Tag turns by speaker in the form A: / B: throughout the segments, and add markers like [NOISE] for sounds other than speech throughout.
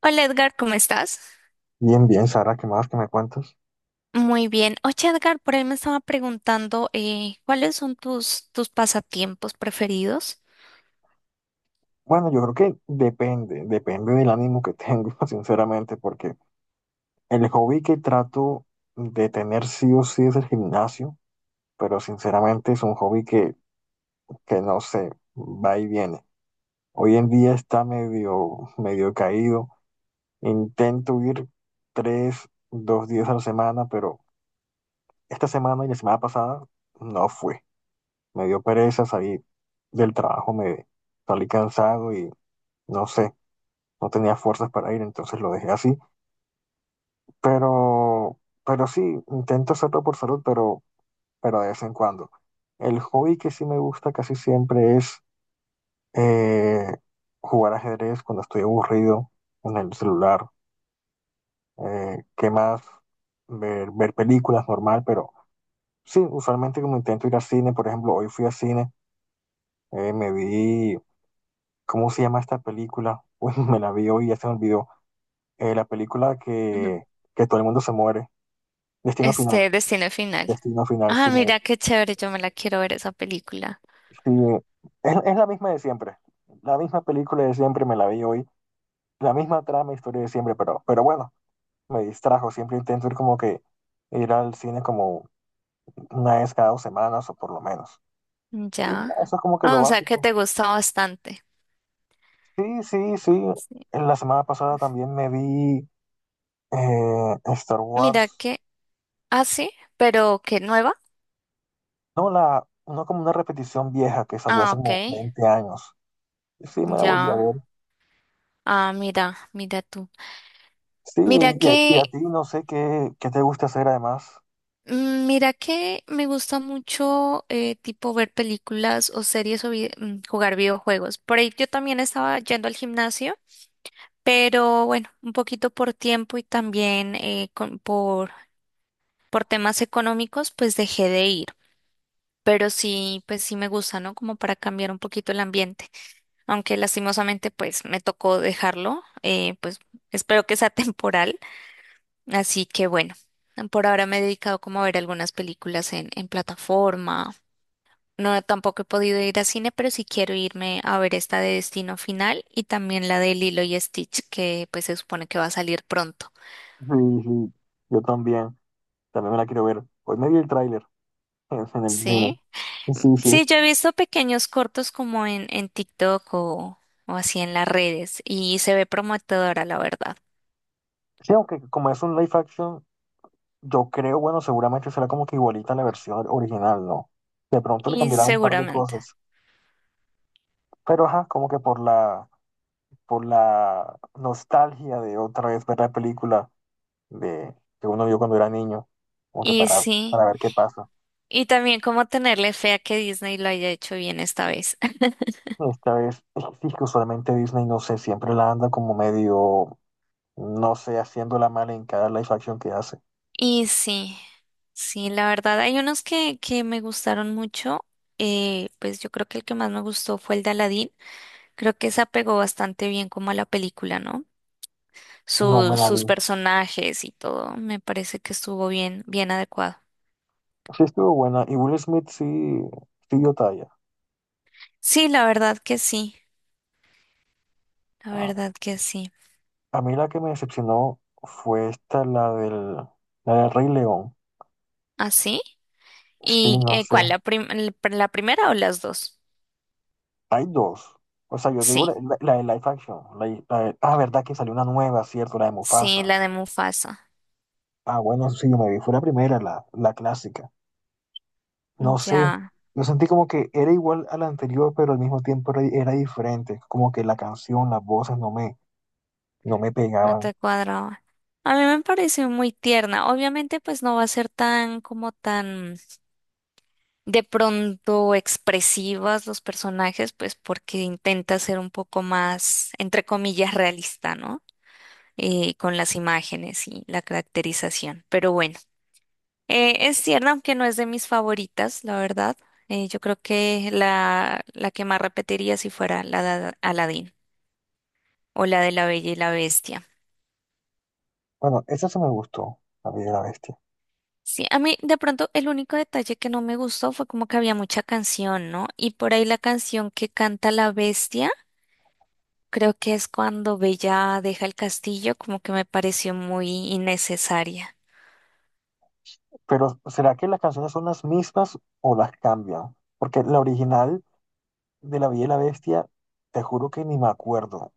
A: Hola Edgar, ¿cómo estás?
B: Bien, bien, Sara, ¿qué más que me cuentas?
A: Muy bien. Oye Edgar, por ahí me estaba preguntando ¿cuáles son tus pasatiempos preferidos?
B: Bueno, yo creo que depende del ánimo que tengo, [LAUGHS] sinceramente, porque el hobby que trato de tener sí o sí es el gimnasio, pero sinceramente es un hobby que no sé, va y viene. Hoy en día está medio caído. Intento ir tres, dos días a la semana, pero esta semana y la semana pasada no fue. Me dio pereza salir del trabajo, me salí cansado y no sé. No tenía fuerzas para ir, entonces lo dejé así. Pero, pero sí, intento hacerlo por salud, pero de vez en cuando. El hobby que sí me gusta casi siempre es eh, jugar ajedrez cuando estoy aburrido en el celular. ¿qué más? Ver películas normal, pero sí, usualmente como intento ir al cine, por ejemplo, hoy fui al cine, eh, me vi, ¿cómo se llama esta película? [LAUGHS] Pues me la vi hoy y ya se me olvidó. La película
A: Ujú.
B: que todo el mundo se muere, Destino Final.
A: Este, Destino Final.
B: Destino Final
A: Ah,
B: sigue,
A: mira qué chévere, yo me la quiero ver esa película.
B: sigue- es la misma de siempre. La misma película de siempre me la vi hoy. La misma trama, historia de siempre, pero bueno, me distrajo. Siempre intento ir como que ir al cine como una vez cada 2 semanas o por lo menos. Y ya,
A: Ya.
B: eso es como que lo
A: Ah, o sea que
B: básico.
A: te gusta bastante.
B: Sí, sí, sí.
A: Sí.
B: En la semana pasada también me vi Star
A: Mira
B: Wars.
A: que, ah, sí, pero que nueva.
B: No, no como una repetición vieja que salió
A: Ah,
B: hace
A: ok,
B: como 20 años. Sí, me la volví a
A: ya.
B: ver.
A: Ah, mira, mira tú.
B: Sí,
A: Mira
B: y a
A: que
B: ti no sé qué te gusta hacer además.
A: Mira que me gusta mucho tipo ver películas o series o jugar videojuegos. Por ahí yo también estaba yendo al gimnasio, pero bueno, un poquito por tiempo y también por temas económicos, pues dejé de ir. Pero sí, pues sí me gusta, ¿no? Como para cambiar un poquito el ambiente. Aunque lastimosamente pues me tocó dejarlo, pues espero que sea [LAUGHS] temporal. Así que bueno, por ahora me he dedicado como a ver algunas películas en plataforma. No, tampoco he podido ir a cine, pero sí quiero irme a ver esta de Destino Final y también la de Lilo y Stitch, que pues se supone que va a salir pronto.
B: Sí, sí, yo también. También me la quiero ver. Hoy me vi el tráiler en el cine.
A: Sí.
B: Sí, sí.
A: Sí, yo he visto pequeños cortos como en TikTok o así en las redes y se ve prometedora, la verdad.
B: Sí, aunque como es un live action, yo creo, bueno, seguramente será como que igualita a la versión original, ¿no? De pronto le
A: Y
B: cambiará un par de
A: seguramente.
B: cosas. Pero ajá, como que por la nostalgia de otra vez ver la película de, que uno vio cuando era niño. Como que
A: Y sí.
B: para ver qué pasa.
A: Y también como tenerle fe a que Disney lo haya hecho bien esta vez.
B: Esta vez, [LAUGHS] es que usualmente Disney, no sé, siempre la anda como medio, no sé, haciéndola mal en cada live action que hace.
A: Y sí, sí, la verdad, hay unos que me gustaron mucho. Pues yo creo que el que más me gustó fue el de Aladdin. Creo que se apegó bastante bien como a la película, ¿no?
B: No me la vi.
A: Sus personajes y todo, me parece que estuvo bien, bien adecuado.
B: Sí estuvo buena. Y Will Smith sí, sí dio talla.
A: Sí, la verdad que sí, la
B: Ah,
A: verdad que sí.
B: a mí la que me decepcionó fue esta, la del Rey León.
A: ¿Ah, sí?
B: Sí,
A: ¿Y
B: no sé.
A: cuál? La primera o las dos?
B: Hay dos. O sea, yo digo
A: Sí,
B: la de live action. Ah, verdad que salió una nueva, ¿cierto? La de
A: sí,
B: Mufasa.
A: la de Mufasa.
B: Ah, bueno, sí, yo me vi. Fue la primera, la clásica. No sé,
A: Ya.
B: yo sentí como que era igual a la anterior, pero al mismo tiempo era diferente, como que la canción, las voces no me
A: No
B: pegaban.
A: te cuadraba. A mí me pareció muy tierna. Obviamente, pues no va a ser tan como tan de pronto expresivas los personajes, pues porque intenta ser un poco más, entre comillas, realista, ¿no? Con las imágenes y la caracterización. Pero bueno, es tierna, aunque no es de mis favoritas, la verdad. Yo creo que la que más repetiría si fuera la de Aladdin o la de La Bella y la Bestia.
B: Bueno, esa se me gustó, La Bella y la Bestia.
A: Sí, a mí de pronto el único detalle que no me gustó fue como que había mucha canción, ¿no? Y por ahí la canción que canta la bestia, creo que es cuando Bella deja el castillo, como que me pareció muy innecesaria.
B: Pero ¿será que las canciones son las mismas o las cambian? Porque la original de La Bella y la Bestia, te juro que ni me acuerdo.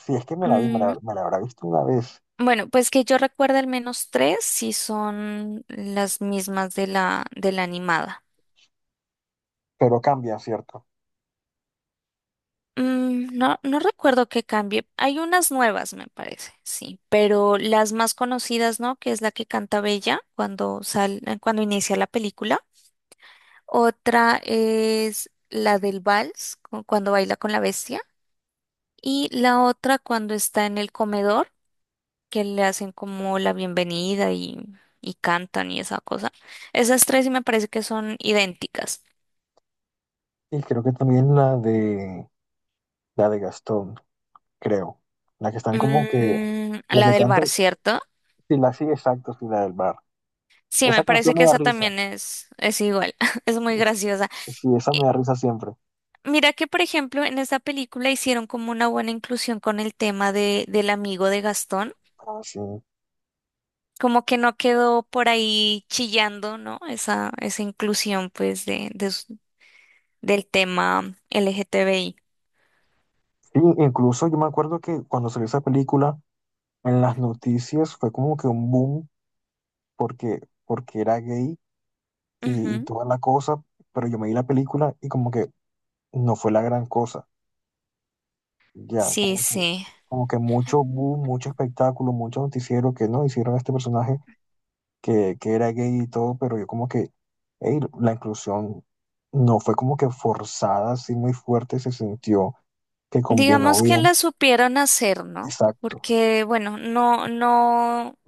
B: Si es que me la vi,
A: Mm,
B: me la habrá visto una vez,
A: bueno, pues que yo recuerdo al menos tres, si son las mismas de de la animada.
B: pero cambia, ¿cierto?
A: Mm, no, no recuerdo que cambie. Hay unas nuevas, me parece, sí, pero las más conocidas, ¿no? Que es la que canta Bella cuando cuando inicia la película. Otra es la del vals, cuando baila con la bestia. Y la otra cuando está en el comedor, que le hacen como la bienvenida y cantan y esa cosa. Esas tres sí me parece que son idénticas.
B: Y creo que también la de Gastón, creo. La que están como que,
A: Mm,
B: La
A: la
B: que
A: del
B: canta
A: bar, ¿cierto?
B: sí, sí, exacto, sí, la del Bar.
A: Sí, me
B: Esa canción
A: parece
B: me
A: que
B: da
A: esa
B: risa.
A: también es igual, [LAUGHS] es muy
B: Es-
A: graciosa.
B: Sí, esa
A: Y
B: me da risa siempre.
A: mira que, por ejemplo, en esta película hicieron como una buena inclusión con el tema de, del amigo de Gastón
B: Ah, sí.
A: como que no quedó por ahí chillando, ¿no? Esa inclusión, pues, de del tema LGTBI.
B: Sí, incluso yo me acuerdo que cuando salió esa película, en las noticias fue como que un boom porque, porque era gay y
A: Ujú.
B: toda la cosa, pero yo me vi la película y como que no fue la gran cosa. Ya,
A: Sí, sí.
B: como que mucho boom, mucho espectáculo, mucho noticiero que no hicieron a este personaje que era gay y todo, pero yo como que, hey, la inclusión no fue como que forzada, así muy fuerte, se sintió que combinó
A: Digamos que
B: bien.
A: la supieron hacer, ¿no?
B: Exacto.
A: Porque, bueno, no, no,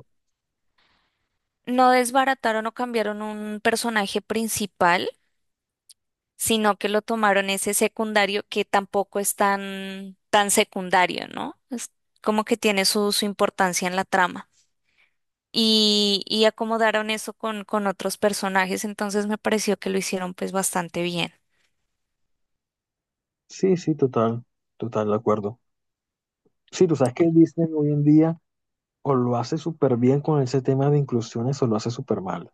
A: no desbarataron o cambiaron un personaje principal, sino que lo tomaron ese secundario que tampoco es tan, tan secundario, ¿no? Es como que tiene su, su importancia en la trama. Y, y acomodaron eso con otros personajes, entonces me pareció que lo hicieron pues bastante bien.
B: Sí, sí, total, total, de acuerdo. Sí, tú sabes que Disney hoy en día o lo hace súper bien con ese tema de inclusiones o lo hace súper mal.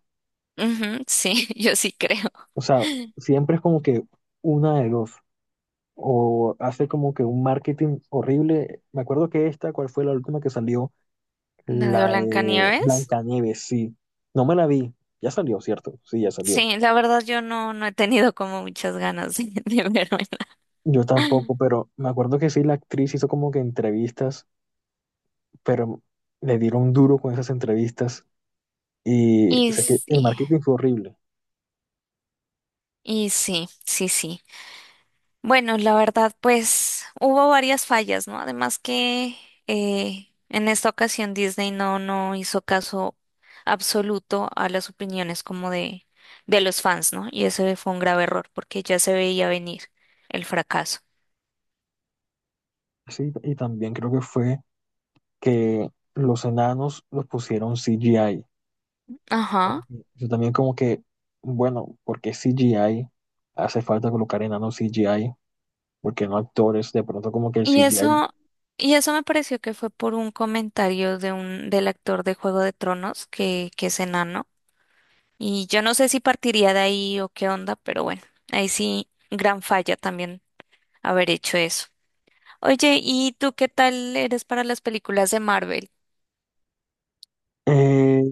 A: Ujú, sí, [LAUGHS] yo sí creo.
B: O sea, siempre es como que una de dos. O hace como que un marketing horrible. Me acuerdo que esta, ¿cuál fue la última que salió?
A: La de
B: La de
A: Blancanieves.
B: Blancanieves, sí. No me la vi. Ya salió, ¿cierto? Sí, ya salió.
A: Sí, la verdad yo no, no he tenido como muchas ganas de [LAUGHS] verme.
B: Yo tampoco, pero me acuerdo que sí, la actriz hizo como que entrevistas, pero le dieron duro con esas entrevistas y
A: Y
B: sé que el
A: sí,
B: marketing fue horrible.
A: y sí, sí, sí. Bueno, la verdad, pues hubo varias fallas, ¿no? Además que en esta ocasión Disney no, no hizo caso absoluto a las opiniones como de los fans, ¿no? Y ese fue un grave error porque ya se veía venir el fracaso.
B: Sí, y también creo que fue que los enanos los pusieron CGI.
A: Ajá.
B: Yo también como que, bueno, ¿por qué CGI? Hace falta colocar enanos CGI, porque no actores, de pronto como que el
A: Y
B: CGI...
A: eso, y eso me pareció que fue por un comentario de del actor de Juego de Tronos que es enano. Y yo no sé si partiría de ahí o qué onda, pero bueno, ahí sí, gran falla también haber hecho eso. Oye, ¿y tú qué tal eres para las películas de Marvel?
B: eh,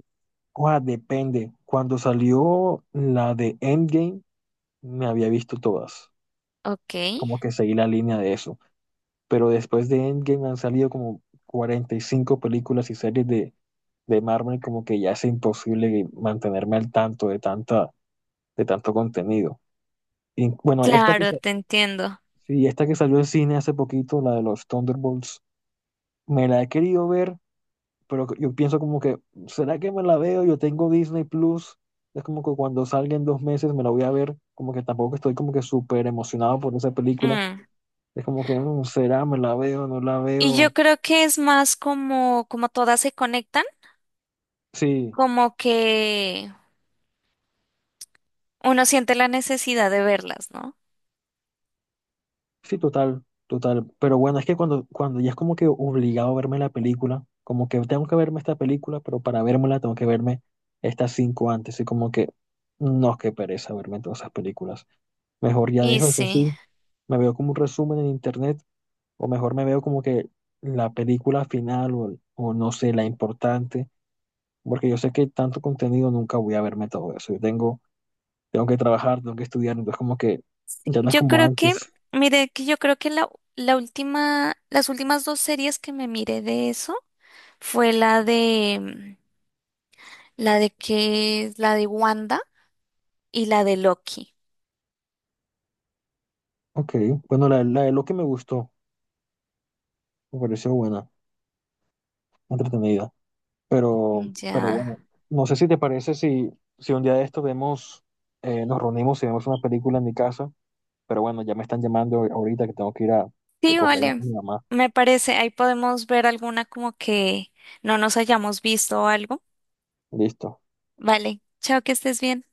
B: Ua, depende. Cuando salió la de Endgame, me había visto todas.
A: Ok,
B: Como que seguí la línea de eso. Pero después de Endgame han salido como 45 películas y series de Marvel, como que ya es imposible mantenerme al tanto de tanta, de tanto contenido. Y bueno,
A: claro, te entiendo.
B: sí, esta que salió en cine hace poquito, la de los Thunderbolts, me la he querido ver, pero yo pienso como que, ¿será que me la veo? Yo tengo Disney Plus, es como que cuando salga en 2 meses me la voy a ver, como que tampoco estoy como que súper emocionado por esa película,
A: Mm.
B: es como que, mm, ¿será? ¿Me la veo? ¿No la
A: Y yo
B: veo?
A: creo que es más como, como todas se conectan,
B: Sí,
A: como que uno siente la necesidad de verlas, ¿no?
B: sí, total, total, pero bueno, es que cuando ya es como que obligado a verme la película, como que tengo que verme esta película, pero para vérmela tengo que verme estas 5 antes, y como que, no, qué pereza verme todas esas películas, mejor ya
A: Y
B: dejo eso
A: sí,
B: así, me veo como un resumen en internet o mejor me veo como que la película final o no sé, la importante, porque yo sé que tanto contenido nunca voy a verme todo eso. Tengo que trabajar, tengo que estudiar, entonces como que ya no es
A: yo
B: como
A: creo que,
B: antes.
A: mire, que yo creo que la última, las últimas dos series que me miré de eso fue la de la de Wanda y la de Loki.
B: Ok, bueno, la de que me gustó, me pareció buena, entretenida, pero
A: Ya.
B: bueno, no sé si te parece si un día de esto vemos, nos reunimos y vemos una película en mi casa, pero bueno, ya me están llamando ahorita que tengo que ir a
A: Sí,
B: recoger a
A: vale,
B: mi mamá.
A: me parece, ahí podemos ver alguna como que no nos hayamos visto o algo.
B: Listo.
A: Vale, chao, que estés bien.